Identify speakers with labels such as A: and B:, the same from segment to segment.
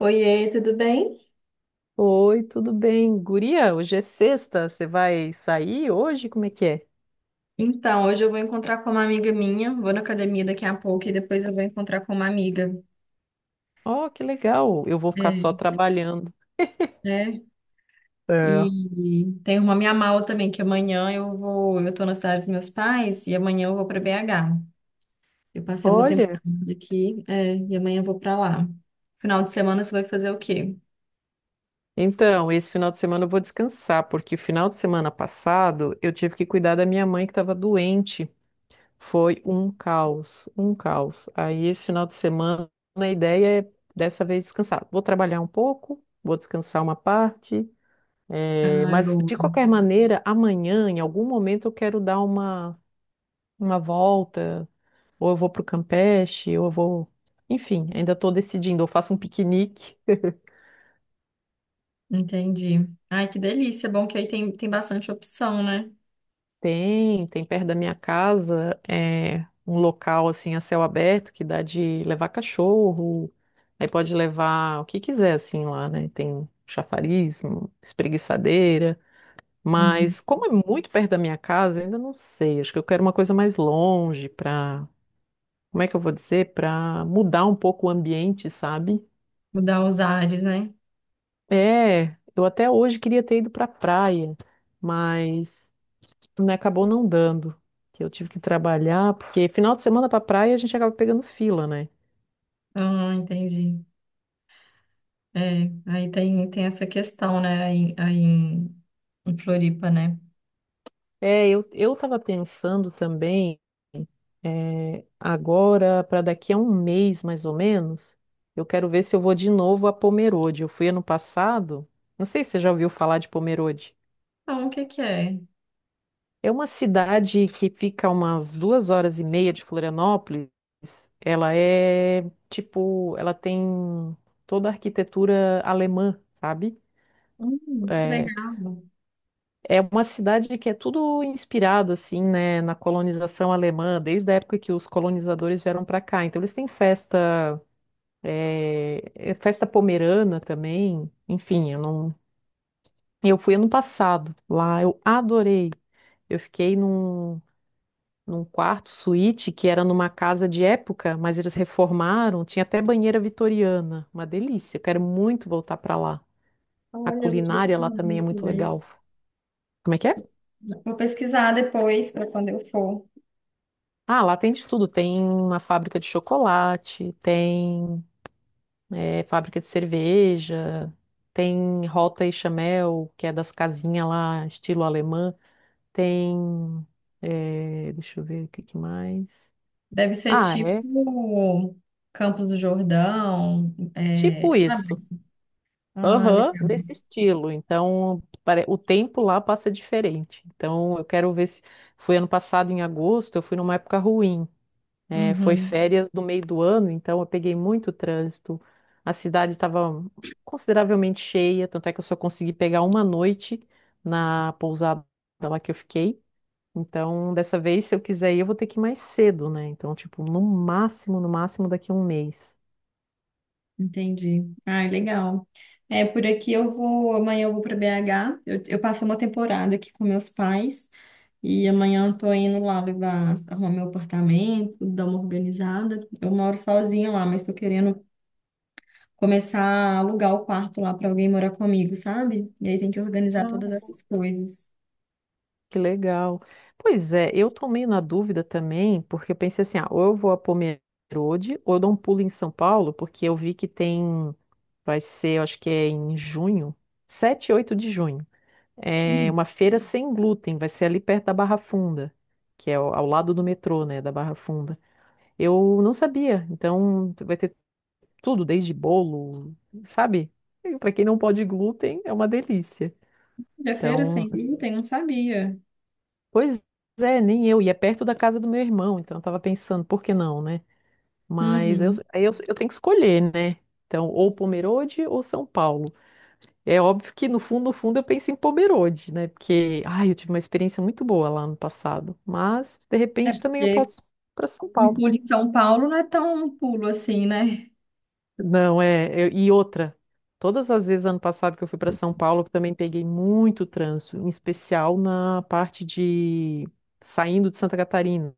A: Oiê, tudo bem?
B: Oi, tudo bem? Guria, hoje é sexta, você vai sair hoje? Como é que é?
A: Então, hoje eu vou encontrar com uma amiga minha, vou na academia daqui a pouco e depois eu vou encontrar com uma amiga.
B: Oh, que legal, eu vou ficar só
A: É,
B: trabalhando.
A: né?
B: É.
A: E tem uma minha mala também, que amanhã eu tô na cidade dos meus pais e amanhã eu vou para BH. Eu passei uma
B: Olha,
A: temporada aqui, é, e amanhã eu vou para lá. Final de semana você vai fazer o quê?
B: então, esse final de semana eu vou descansar, porque o final de semana passado eu tive que cuidar da minha mãe que estava doente. Foi um caos, um caos. Aí esse final de semana a ideia é dessa vez descansar. Vou trabalhar um pouco, vou descansar uma parte,
A: Ai,
B: mas
A: boa.
B: de qualquer maneira, amanhã, em algum momento, eu quero dar uma volta, ou eu vou pro Campeche, ou eu vou. Enfim, ainda estou decidindo. Eu faço um piquenique.
A: Entendi. Ai, que delícia. Bom que aí tem, tem bastante opção, né?
B: Tem, tem perto da minha casa, é um local assim a céu aberto que dá de levar cachorro. Aí pode levar o que quiser assim lá, né? Tem chafariz, espreguiçadeira.
A: Uhum.
B: Mas como é muito perto da minha casa, ainda não sei. Acho que eu quero uma coisa mais longe para, como é que eu vou dizer, para mudar um pouco o ambiente, sabe?
A: Mudar os ares, né?
B: É, eu até hoje queria ter ido pra praia, mas tipo, né, acabou não dando, que eu tive que trabalhar, porque final de semana pra praia a gente acaba pegando fila, né?
A: Ah, entendi. É, aí tem essa questão, né, aí em Floripa, né?
B: É, eu tava pensando também, é, agora, para daqui a um mês mais ou menos, eu quero ver se eu vou de novo a Pomerode. Eu fui ano passado, não sei se você já ouviu falar de Pomerode.
A: Então, o que que é?
B: É uma cidade que fica umas 2 horas e meia de Florianópolis. Ela é tipo, ela tem toda a arquitetura alemã, sabe?
A: Que
B: É,
A: legal.
B: é uma cidade que é tudo inspirado assim, né, na colonização alemã, desde a época que os colonizadores vieram para cá. Então eles têm festa, é festa pomerana também. Enfim, eu não, eu fui ano passado lá, eu adorei. Eu fiquei num quarto suíte que era numa casa de época, mas eles reformaram, tinha até banheira vitoriana, uma delícia. Eu quero muito voltar para lá. A
A: Olha, eu vou
B: culinária lá
A: pesquisar
B: também é muito legal.
A: depois.
B: Como é que é?
A: Vou pesquisar depois para quando eu for.
B: Ah, lá tem de tudo. Tem uma fábrica de chocolate, tem fábrica de cerveja, tem Rota e Chamel, que é das casinhas lá, estilo alemã. Tem, deixa eu ver o que que mais.
A: Deve ser
B: Ah, é
A: tipo Campos do Jordão, é,
B: tipo
A: sabe,
B: isso.
A: assim? Ah,
B: Aham,
A: legal.
B: nesse estilo. Então, o tempo lá passa diferente. Então, eu quero ver se. Foi ano passado, em agosto, eu fui numa época ruim. Né? Foi
A: Uhum.
B: férias do meio do ano, então eu peguei muito trânsito. A cidade estava consideravelmente cheia, tanto é que eu só consegui pegar uma noite na pousada lá que eu fiquei. Então, dessa vez, se eu quiser ir, eu vou ter que ir mais cedo, né? Então, tipo, no máximo, no máximo daqui a um mês.
A: Entendi. Ai, legal. É, por aqui eu vou, amanhã eu vou para BH. Eu passei uma temporada aqui com meus pais e amanhã eu tô indo lá levar, arrumar meu apartamento, dar uma organizada. Eu moro sozinha lá, mas tô querendo começar a alugar o quarto lá para alguém morar comigo, sabe? E aí tem que organizar todas essas coisas.
B: Que legal. Pois é, eu tô meio na dúvida também, porque eu pensei assim, ah, ou eu vou a Pomerode, ou eu dou um pulo em São Paulo, porque eu vi que tem, vai ser, eu acho que é em junho, sete, e 8 de junho, é
A: Hum.
B: uma feira sem glúten, vai ser ali perto da Barra Funda, que é ao lado do metrô, né, da Barra Funda. Eu não sabia, então vai ter tudo, desde bolo, sabe? Para quem não pode glúten, é uma delícia.
A: De feira
B: Então,
A: sem glúten, não sabia.
B: pois é, nem eu. E é perto da casa do meu irmão, então eu tava pensando, por que não, né? Mas eu,
A: Uhum.
B: aí eu, eu tenho que escolher, né? Então, ou Pomerode ou São Paulo. É óbvio que no fundo, no fundo, eu penso em Pomerode, né? Porque, ai, eu tive uma experiência muito boa lá no passado. Mas, de
A: É
B: repente, também eu
A: porque
B: posso ir para São
A: um
B: Paulo.
A: pulo em São Paulo não é tão um pulo assim, né?
B: Não, é. E outra, todas as vezes ano passado que eu fui para São Paulo, eu também peguei muito trânsito, em especial na parte de saindo de Santa Catarina.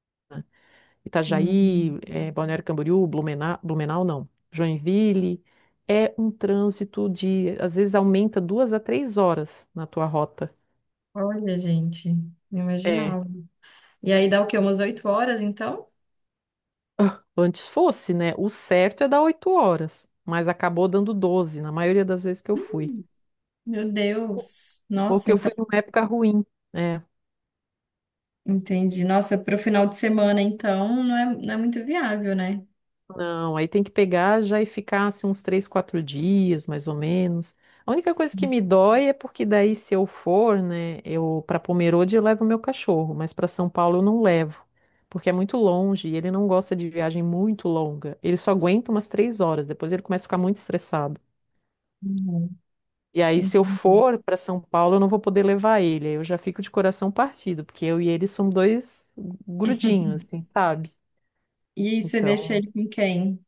A: Uhum.
B: Itajaí, Balneário Camboriú, Blumenau, Blumenau não, Joinville, é um trânsito de, às vezes aumenta 2 a 3 horas na tua rota.
A: Olha, gente, não
B: É.
A: imaginava. E aí dá o quê? Umas 8 horas, então?
B: Ah, antes fosse, né? O certo é dar 8 horas, mas acabou dando 12 na maioria das vezes que eu fui.
A: Meu Deus.
B: Ou
A: Nossa,
B: que eu
A: então,
B: fui numa época ruim. É,
A: entendi. Nossa, para o final de semana, então, não é, não é muito viável, né?
B: não, aí tem que pegar já e ficar assim, uns 3, 4 dias, mais ou menos. A única coisa que me dói é porque daí se eu for, né, eu para Pomerode eu levo meu cachorro, mas para São Paulo eu não levo, porque é muito longe e ele não gosta de viagem muito longa. Ele só aguenta umas 3 horas, depois ele começa a ficar muito estressado.
A: Uhum,
B: E aí se eu
A: entendi.
B: for para São Paulo eu não vou poder levar ele, aí eu já fico de coração partido, porque eu e ele somos dois grudinhos, assim, sabe?
A: E aí você deixa
B: Então
A: ele com quem?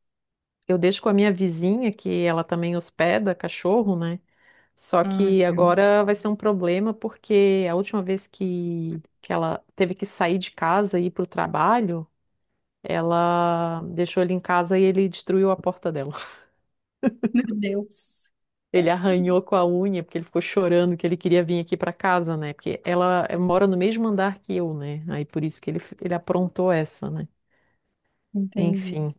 B: eu deixo com a minha vizinha, que ela também hospeda cachorro, né? Só
A: Ah,
B: que
A: meu
B: agora vai ser um problema porque a última vez que ela teve que sair de casa e ir para o trabalho, ela deixou ele em casa e ele destruiu a porta dela.
A: meu Deus.
B: Ele arranhou com a unha porque ele ficou chorando que ele queria vir aqui para casa, né? Porque ela mora no mesmo andar que eu, né? Aí por isso que ele aprontou essa, né?
A: Entendi.
B: Enfim.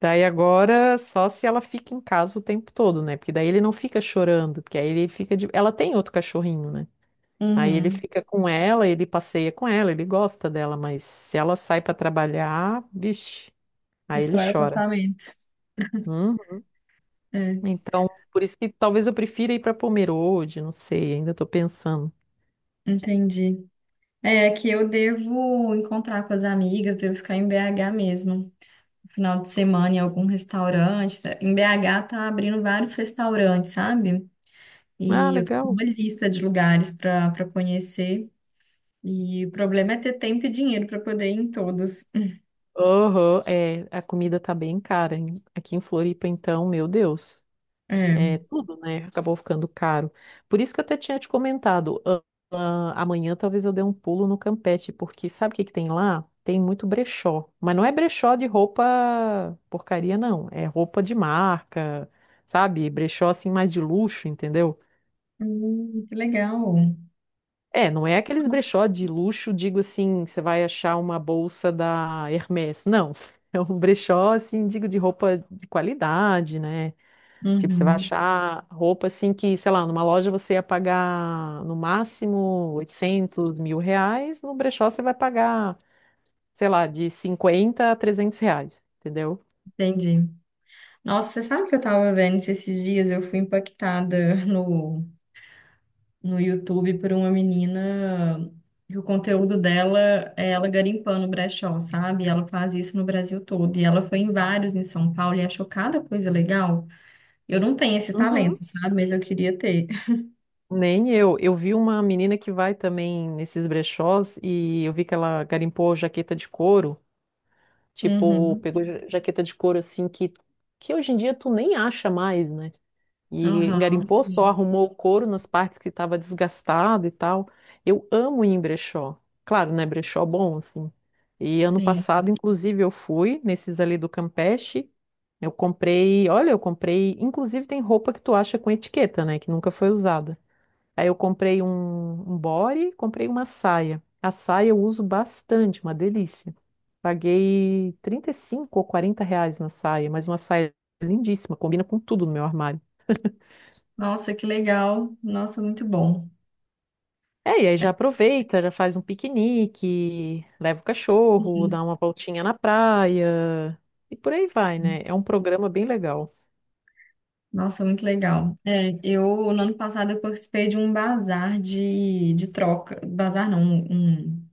B: Daí agora, só se ela fica em casa o tempo todo, né? Porque daí ele não fica chorando, porque aí ele fica de... Ela tem outro cachorrinho, né? Aí ele
A: Uhum.
B: fica com ela, ele passeia com ela, ele gosta dela, mas se ela sai pra trabalhar, vixe, aí ele
A: Destrói o
B: chora.
A: apartamento.
B: Hum?
A: É,
B: Então, por isso que talvez eu prefira ir pra Pomerode, não sei, ainda tô pensando.
A: entendi. É que eu devo encontrar com as amigas, devo ficar em BH mesmo, final de semana em algum restaurante, tá? Em BH tá abrindo vários restaurantes, sabe?
B: Ah,
A: E eu tô com
B: legal.
A: uma lista de lugares para para conhecer. E o problema é ter tempo e dinheiro para poder ir em todos.
B: Aham, é, a comida tá bem cara, hein? Aqui em Floripa, então, meu Deus. É,
A: É.
B: tudo, né? Acabou ficando caro. Por isso que eu até tinha te comentado, ah, amanhã talvez eu dê um pulo no Campeche, porque sabe o que que tem lá? Tem muito brechó. Mas não é brechó de roupa porcaria, não. É roupa de marca, sabe? Brechó assim mais de luxo, entendeu?
A: Que legal.
B: É, não é aqueles brechó de luxo, digo assim, você vai achar uma bolsa da Hermès. Não. É um brechó, assim, digo, de roupa de qualidade, né? Tipo, você vai
A: Uhum,
B: achar roupa assim que, sei lá, numa loja você ia pagar no máximo R$ 800.000, no brechó você vai pagar, sei lá, de R$ 50 a R$ 300, entendeu?
A: entendi. Nossa, você sabe que eu tava vendo esses dias, eu fui impactada no YouTube por uma menina que o conteúdo dela é ela garimpando brechó, sabe? Ela faz isso no Brasil todo. E ela foi em vários em São Paulo e achou cada coisa legal. Eu não tenho esse talento,
B: Uhum.
A: sabe? Mas eu queria ter.
B: Nem eu. Eu vi uma menina que vai também nesses brechós e eu vi que ela garimpou jaqueta de couro. Tipo,
A: Uhum.
B: pegou jaqueta de couro assim que hoje em dia tu nem acha mais, né? E
A: Aham,
B: garimpou só,
A: sim.
B: arrumou o couro nas partes que estava desgastado e tal. Eu amo ir em brechó. Claro, né? Brechó bom, assim. E ano
A: Sim.
B: passado, inclusive, eu fui nesses ali do Campeche. Eu comprei, olha, eu comprei. Inclusive, tem roupa que tu acha com etiqueta, né? Que nunca foi usada. Aí eu comprei um, um body, comprei uma saia. A saia eu uso bastante, uma delícia. Paguei R$ 35 ou R$ 40 na saia, mas uma saia lindíssima, combina com tudo no meu armário.
A: Nossa, que legal. Nossa, muito bom.
B: É, e aí já aproveita, já faz um piquenique, leva o cachorro,
A: Sim.
B: dá uma voltinha na praia e por aí vai, né? É um programa bem legal.
A: Nossa, muito legal. É, eu, no ano passado, eu participei de um bazar de troca. Bazar não, um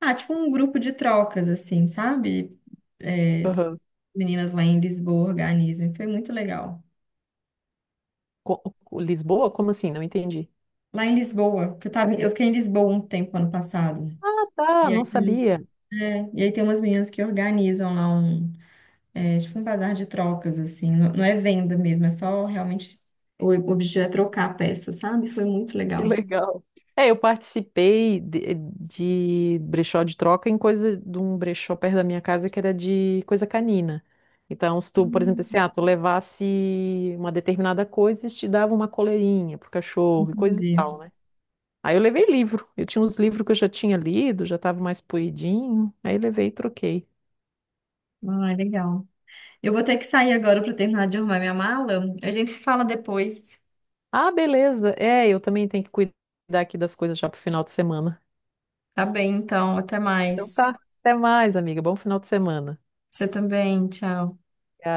A: Ah, tipo um grupo de trocas, assim, sabe? É,
B: Aham.
A: meninas lá em Lisboa organizam, e foi muito legal.
B: Co- Lisboa? Como assim? Não entendi.
A: Lá em Lisboa, que eu fiquei em Lisboa um tempo ano passado.
B: Ah, tá,
A: E
B: não
A: aí,
B: sabia.
A: é, e aí tem umas meninas que organizam lá um, é, tipo um bazar de trocas, assim. Não, não é venda mesmo, é só realmente o objetivo é trocar a peça, sabe? Foi muito
B: Que
A: legal.
B: legal. É, eu participei de, brechó de troca em coisa de um brechó perto da minha casa que era de coisa canina. Então, se tu, por exemplo, assim,
A: Hum,
B: ah, tu levasse uma determinada coisa, eles te davam uma coleirinha pro cachorro e coisa e tal,
A: Entendi.
B: né? Aí eu levei livro. Eu tinha uns livros que eu já tinha lido, já tava mais poidinho. Aí levei e troquei.
A: Ah, legal. Eu vou ter que sair agora para terminar de arrumar minha mala. A gente se fala depois.
B: Ah, beleza. É, eu também tenho que cuidar aqui das coisas já pro final de semana.
A: Tá bem, então. Até
B: Então
A: mais.
B: tá. Até mais, amiga. Bom final de semana.
A: Você também, tchau.
B: Tchau.